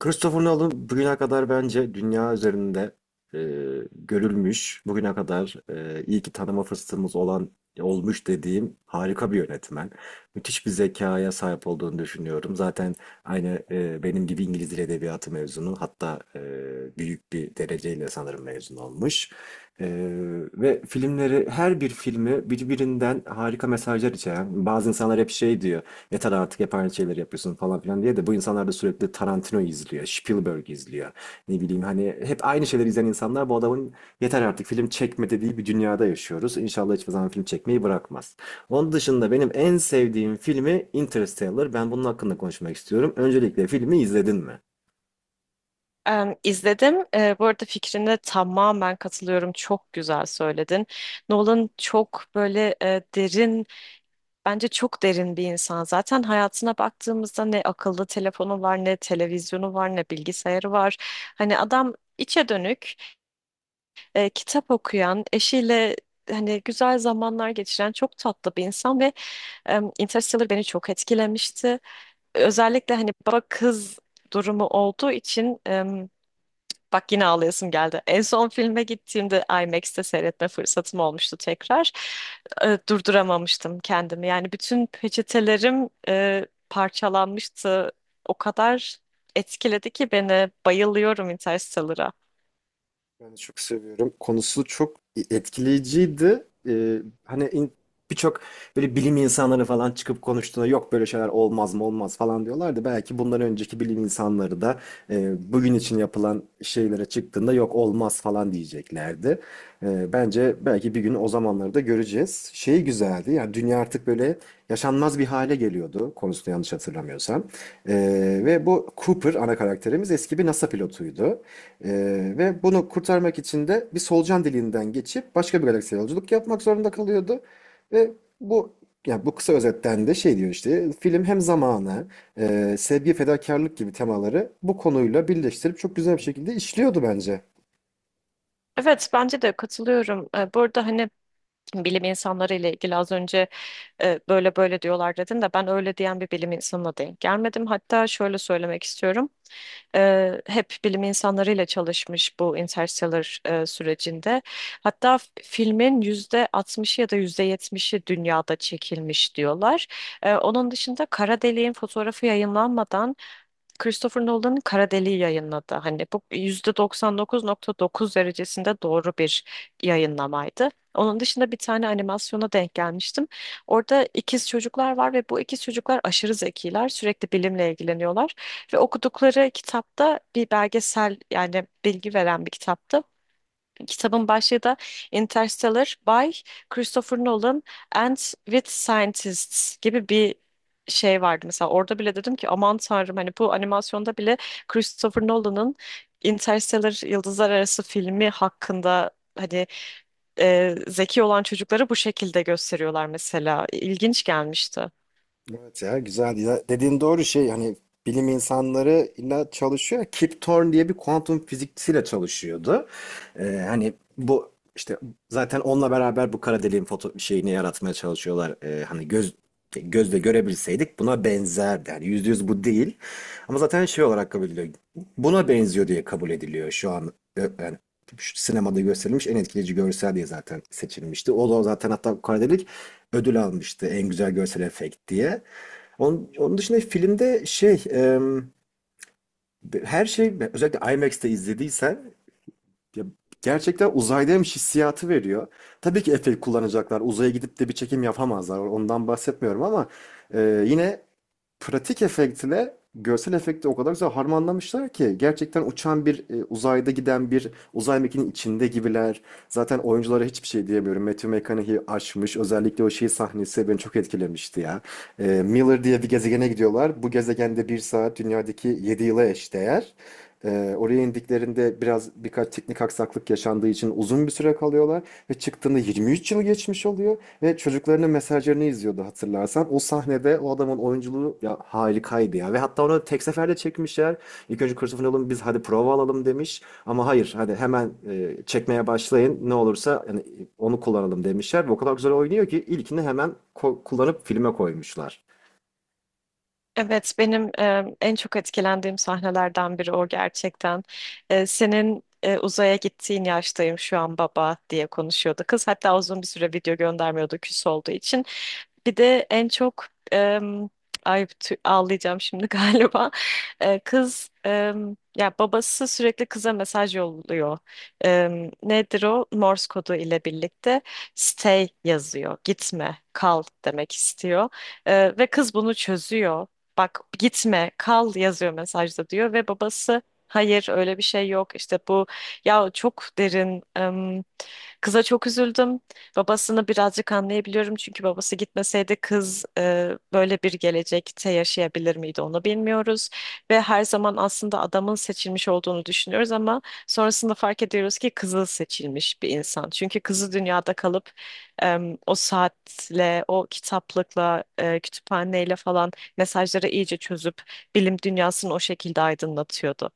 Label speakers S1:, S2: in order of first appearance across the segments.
S1: Christopher Nolan bugüne kadar bence dünya üzerinde e, görülmüş, bugüne kadar iyi ki tanıma fırsatımız olan olmuş dediğim harika bir yönetmen. Müthiş bir zekaya sahip olduğunu düşünüyorum. Zaten aynı benim gibi İngiliz Dil Edebiyatı mezunu, hatta büyük bir dereceyle sanırım mezun olmuş. E, ve filmleri, her bir filmi birbirinden harika mesajlar içeren. Bazı insanlar hep şey diyor, yeter artık hep aynı şeyleri yapıyorsun falan filan diye, de bu insanlar da sürekli Tarantino izliyor, Spielberg izliyor. Ne bileyim, hani hep aynı şeyleri izleyen insanlar bu adamın yeter artık film çekme dediği bir dünyada yaşıyoruz. İnşallah hiçbir zaman film çekmeyi bırakmaz. Onun dışında benim en sevdiğim filmi Interstellar. Ben bunun hakkında konuşmak istiyorum. Öncelikle filmi izledin mi?
S2: Em, izledim. Bu arada fikrine tamamen katılıyorum. Çok güzel söyledin. Nolan çok böyle derin, bence çok derin bir insan. Zaten hayatına baktığımızda ne akıllı telefonu var, ne televizyonu var, ne bilgisayarı var. Hani adam içe dönük, kitap okuyan, eşiyle hani güzel zamanlar geçiren çok tatlı bir insan ve Interstellar beni çok etkilemişti. Özellikle hani baba kız durumu olduğu için bak, yine ağlayasım geldi. En son filme gittiğimde IMAX'te seyretme fırsatım olmuştu tekrar. Durduramamıştım kendimi. Yani bütün peçetelerim parçalanmıştı. O kadar etkiledi ki beni. Bayılıyorum Interstellar'a.
S1: Ben de çok seviyorum. Konusu çok etkileyiciydi. Birçok böyle bilim insanları falan çıkıp konuştuğunda yok böyle şeyler olmaz mı olmaz falan diyorlardı. Belki bundan önceki bilim insanları da bugün için yapılan şeylere çıktığında yok olmaz falan diyeceklerdi. Bence belki bir gün o zamanları da göreceğiz. Şey güzeldi, yani dünya artık böyle yaşanmaz bir hale geliyordu, konusunu yanlış hatırlamıyorsam. Ve bu Cooper, ana karakterimiz, eski bir NASA pilotuydu. Ve bunu kurtarmak için de bir solucan deliğinden geçip başka bir galaksiye yolculuk yapmak zorunda kalıyordu. Ve bu, ya bu kısa özetten de şey diyor, işte film hem zamanı, sevgi, fedakarlık gibi temaları bu konuyla birleştirip çok güzel bir şekilde işliyordu bence.
S2: Evet, bence de katılıyorum. Bu arada hani bilim insanları ile ilgili az önce böyle böyle diyorlar dedin de ben öyle diyen bir bilim insanına denk gelmedim. Hatta şöyle söylemek istiyorum. Hep bilim insanlarıyla çalışmış bu Interstellar sürecinde. Hatta filmin yüzde 60'ı ya da yüzde 70'i dünyada çekilmiş diyorlar. Onun dışında kara deliğin fotoğrafı yayınlanmadan Christopher Nolan'ın Kara Deliği yayınladı. Hani bu %99,9 derecesinde doğru bir yayınlamaydı. Onun dışında bir tane animasyona denk gelmiştim. Orada ikiz çocuklar var ve bu ikiz çocuklar aşırı zekiler. Sürekli bilimle ilgileniyorlar. Ve okudukları kitapta bir belgesel, yani bilgi veren bir kitaptı. Kitabın başlığı da Interstellar by Christopher Nolan and with Scientists gibi bir şey vardı. Mesela orada bile dedim ki aman tanrım, hani bu animasyonda bile Christopher Nolan'ın Interstellar Yıldızlar Arası filmi hakkında hani zeki olan çocukları bu şekilde gösteriyorlar mesela. İlginç gelmişti.
S1: Evet ya, güzel. Ya dediğin doğru, şey hani bilim insanları illa çalışıyor. Kip Thorne diye bir kuantum fizikçisiyle çalışıyordu. Hani bu işte zaten onunla beraber bu kara deliğin foto şeyini yaratmaya çalışıyorlar. Gözle görebilseydik buna benzerdi. Yani yüzde yüz bu değil. Ama zaten şey olarak kabul ediliyor. Buna benziyor diye kabul ediliyor şu an. Yani şu sinemada gösterilmiş en etkileyici görsel diye zaten seçilmişti. O da zaten hatta bu kara delik ödül almıştı en güzel görsel efekt diye. Onun dışında filmde her şey, özellikle IMAX'te izlediysen, ya gerçekten uzaydaymış hissiyatı veriyor. Tabii ki efekt kullanacaklar. Uzaya gidip de bir çekim yapamazlar. Ondan bahsetmiyorum, ama yine pratik efektle görsel efekti o kadar güzel harmanlamışlar ki gerçekten uçan bir uzayda giden bir uzay mekiğinin içinde gibiler. Zaten oyunculara hiçbir şey diyemiyorum. Matthew McConaughey aşmış. Özellikle o şey sahnesi beni çok etkilemişti ya. Miller diye bir gezegene gidiyorlar. Bu gezegende bir saat dünyadaki 7 yıla eşdeğer. Oraya indiklerinde biraz, birkaç teknik aksaklık yaşandığı için uzun bir süre kalıyorlar ve çıktığında 23 yıl geçmiş oluyor. Ve çocuklarının mesajlarını izliyordu, hatırlarsan. O sahnede o adamın oyunculuğu ya harikaydı ya. Ve hatta onu tek seferde çekmişler. İlk önce Christopher Nolan biz hadi prova alalım demiş. Ama hayır hadi hemen çekmeye başlayın, ne olursa yani onu kullanalım demişler. Ve o kadar güzel oynuyor ki ilkini hemen kullanıp filme koymuşlar.
S2: Evet, benim en çok etkilendiğim sahnelerden biri o gerçekten. Senin uzaya gittiğin yaştayım şu an baba diye konuşuyordu kız. Hatta uzun bir süre video göndermiyordu küs olduğu için. Bir de en çok em, ay, ağlayacağım şimdi galiba. Kız ya, babası sürekli kıza mesaj yolluyor. Nedir o? Morse kodu ile birlikte stay yazıyor. Gitme, kal demek istiyor. Ve kız bunu çözüyor. Bak, gitme, kal yazıyor mesajda diyor ve babası hayır öyle bir şey yok işte, bu ya çok derin. Kıza çok üzüldüm. Babasını birazcık anlayabiliyorum çünkü babası gitmeseydi kız böyle bir gelecekte yaşayabilir miydi onu bilmiyoruz. Ve her zaman aslında adamın seçilmiş olduğunu düşünüyoruz ama sonrasında fark ediyoruz ki kızı seçilmiş bir insan. Çünkü kızı dünyada kalıp o saatle, o kitaplıkla, kütüphaneyle falan mesajları iyice çözüp bilim dünyasını o şekilde aydınlatıyordu.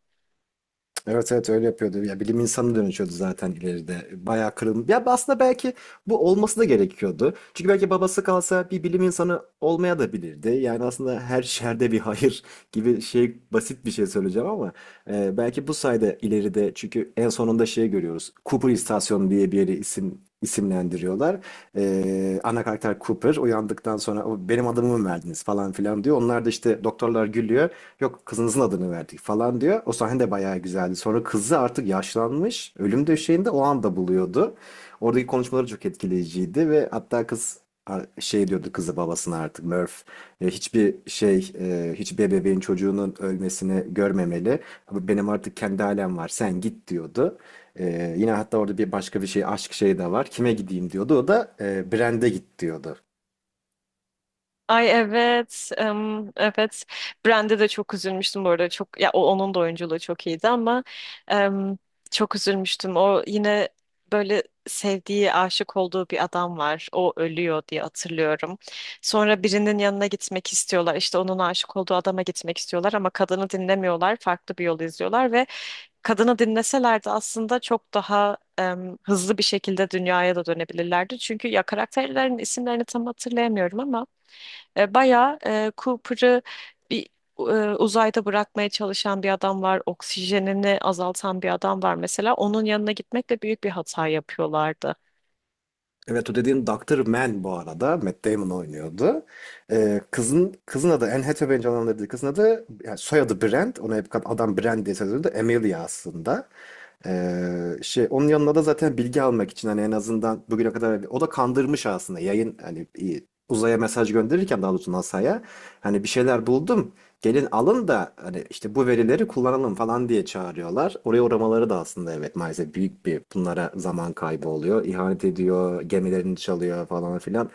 S1: Evet evet, öyle yapıyordu. Ya bilim insanı dönüşüyordu zaten ileride. Bayağı kırılım. Ya aslında belki bu olması da gerekiyordu. Çünkü belki babası kalsa bir bilim insanı olmaya da bilirdi. Yani aslında her şerde bir hayır gibi, şey basit bir şey söyleyeceğim ama belki bu sayede ileride, çünkü en sonunda şey görüyoruz. Cooper İstasyonu diye bir yeri isimlendiriyorlar. Ana karakter Cooper uyandıktan sonra "O, benim adımı mı verdiniz" falan filan diyor. Onlar da işte, doktorlar gülüyor. Yok, kızınızın adını verdik falan diyor. O sahne de bayağı güzeldi. Sonra kızı artık yaşlanmış. Ölüm döşeğinde o anda buluyordu. Oradaki konuşmaları çok etkileyiciydi ve hatta kız şey diyordu, kızı babasına, artık Murph, hiçbir bebeğin çocuğunun ölmesini görmemeli. Benim artık kendi ailem var. Sen git diyordu. Yine hatta orada bir başka bir şey, aşk şeyi de var. Kime gideyim diyordu. O da Brand'e git diyordu.
S2: Ay evet, evet. Brand'e de çok üzülmüştüm bu arada. Çok ya onun da oyunculuğu çok iyiydi ama em, çok üzülmüştüm. O yine böyle sevdiği, aşık olduğu bir adam var. O ölüyor diye hatırlıyorum. Sonra birinin yanına gitmek istiyorlar. İşte onun aşık olduğu adama gitmek istiyorlar ama kadını dinlemiyorlar. Farklı bir yol izliyorlar ve kadını dinleselerdi aslında çok daha hızlı bir şekilde dünyaya da dönebilirlerdi. Çünkü ya karakterlerin isimlerini tam hatırlayamıyorum ama bayağı Cooper'ı bir uzayda bırakmaya çalışan bir adam var. Oksijenini azaltan bir adam var mesela. Onun yanına gitmekle büyük bir hata yapıyorlardı.
S1: Evet, o dediğin Dr. Man bu arada. Matt Damon oynuyordu. Kızın adı, Anne Hathaway'in canlandırdığı kızın adı, yani soyadı Brand. Ona hep adam Brand diye söylüyordu. Amelia aslında. Şey, onun yanına da zaten bilgi almak için, hani en azından bugüne kadar hani o da kandırmış aslında, yayın hani uzaya mesaj gönderirken, daha doğrusu NASA'ya, hani bir şeyler buldum, gelin alın da hani işte bu verileri kullanalım falan diye çağırıyorlar. Oraya uğramaları da aslında evet maalesef büyük bir, bunlara zaman kaybı oluyor. İhanet ediyor, gemilerini çalıyor falan filan.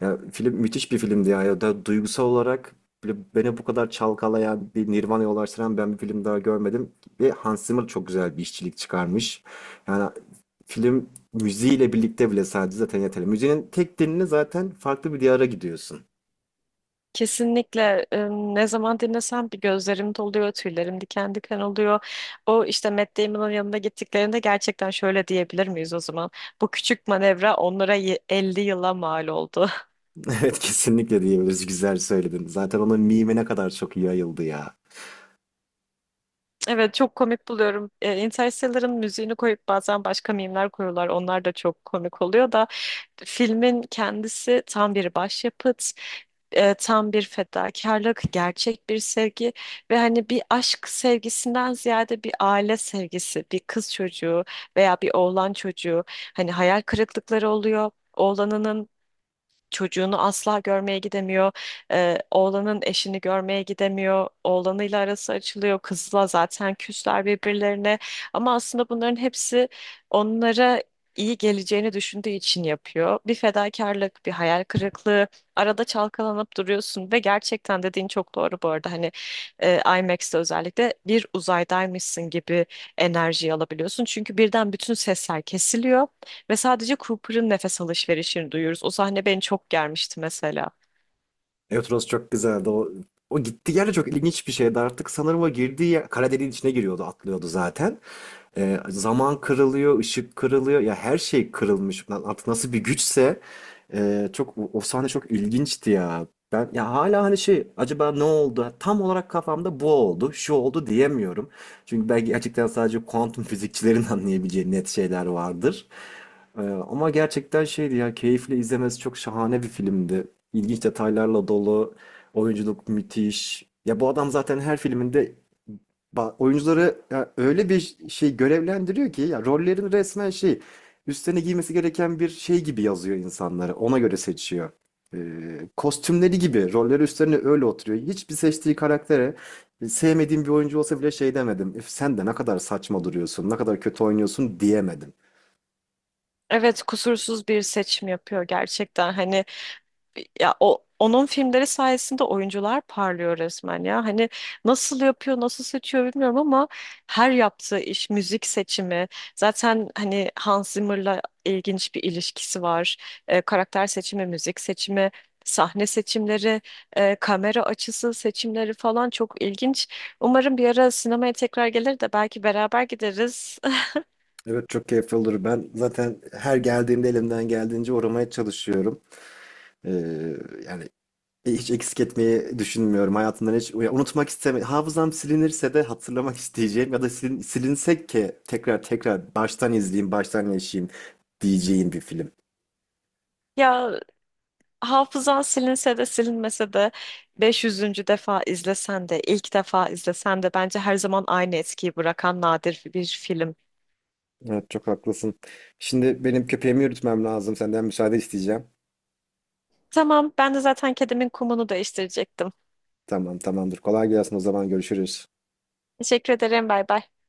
S1: Ya, film müthiş bir filmdi ya. Ya da duygusal olarak böyle beni bu kadar çalkalayan, bir Nirvana'ya ulaştıran ben bir film daha görmedim. Ve Hans Zimmer çok güzel bir işçilik çıkarmış. Yani film müziğiyle birlikte bile sadece zaten yeterli. Müziğin tek dilini zaten farklı bir diyara gidiyorsun.
S2: Kesinlikle ne zaman dinlesem bir gözlerim doluyor, tüylerim diken diken oluyor. O işte Matt Damon'ın yanına gittiklerinde gerçekten şöyle diyebilir miyiz o zaman? Bu küçük manevra onlara 50 yıla mal oldu.
S1: Evet kesinlikle diyebiliriz. Güzel söyledin. Zaten onun mimi ne kadar çok yayıldı ya.
S2: Evet, çok komik buluyorum. Interstellar'ın müziğini koyup bazen başka mimler koyuyorlar. Onlar da çok komik oluyor da filmin kendisi tam bir başyapıt, tam bir fedakarlık, gerçek bir sevgi ve hani bir aşk sevgisinden ziyade bir aile sevgisi, bir kız çocuğu veya bir oğlan çocuğu, hani hayal kırıklıkları oluyor. Oğlanının çocuğunu asla görmeye gidemiyor. Oğlanın eşini görmeye gidemiyor. Oğlanıyla arası açılıyor. Kızla zaten küsler birbirlerine. Ama aslında bunların hepsi onlara iyi geleceğini düşündüğü için yapıyor. Bir fedakarlık, bir hayal kırıklığı. Arada çalkalanıp duruyorsun ve gerçekten dediğin çok doğru bu arada. Hani IMAX'te özellikle bir uzaydaymışsın gibi enerjiyi alabiliyorsun. Çünkü birden bütün sesler kesiliyor. Ve sadece Cooper'ın nefes alışverişini duyuyoruz. O sahne beni çok germişti mesela.
S1: Euros çok güzeldi. O gittiği yer de çok ilginç bir şeydi. Artık sanırım o girdiği yer kara deliğin içine giriyordu, atlıyordu zaten. Zaman kırılıyor, ışık kırılıyor. Ya her şey kırılmış. Lan artık nasıl bir güçse, e, çok o o sahne çok ilginçti ya. Ben ya hala hani, şey acaba ne oldu? Tam olarak kafamda bu oldu, şu oldu diyemiyorum. Çünkü belki gerçekten sadece kuantum fizikçilerin anlayabileceği net şeyler vardır. Ama gerçekten şeydi ya, keyifle izlemesi çok şahane bir filmdi. İlginç detaylarla dolu, oyunculuk müthiş. Ya bu adam zaten her filminde oyuncuları ya öyle bir şey görevlendiriyor ki ya, rollerini resmen şey, üstlerine giymesi gereken bir şey gibi yazıyor insanları. Ona göre seçiyor. Kostümleri gibi rolleri üstlerine öyle oturuyor. Hiçbir seçtiği karaktere, sevmediğim bir oyuncu olsa bile şey demedim. "Üf, sen de ne kadar saçma duruyorsun, ne kadar kötü oynuyorsun" diyemedim.
S2: Evet, kusursuz bir seçim yapıyor gerçekten. Hani ya o, onun filmleri sayesinde oyuncular parlıyor resmen ya. Hani nasıl yapıyor, nasıl seçiyor bilmiyorum ama her yaptığı iş, müzik seçimi, zaten hani Hans Zimmer'la ilginç bir ilişkisi var. Karakter seçimi, müzik seçimi, sahne seçimleri, kamera açısı seçimleri falan çok ilginç. Umarım bir ara sinemaya tekrar gelir de belki beraber gideriz.
S1: Evet çok keyifli olur. Ben zaten her geldiğimde elimden geldiğince uğramaya çalışıyorum. Ee, yani Hiç eksik etmeyi düşünmüyorum. Hayatımdan hiç ya unutmak istemiyorum. Hafızam silinirse de hatırlamak isteyeceğim, ya da silinsek ki tekrar tekrar baştan izleyeyim, baştan yaşayayım diyeceğim bir film.
S2: Ya, hafızan silinse de silinmese de 500. defa izlesen de ilk defa izlesen de bence her zaman aynı etkiyi bırakan nadir bir film.
S1: Evet çok haklısın. Şimdi benim köpeğimi yürütmem lazım. Senden müsaade isteyeceğim.
S2: Tamam, ben de zaten kedimin kumunu değiştirecektim.
S1: Tamam tamamdır. Kolay gelsin, o zaman görüşürüz.
S2: Teşekkür ederim. Bay bay.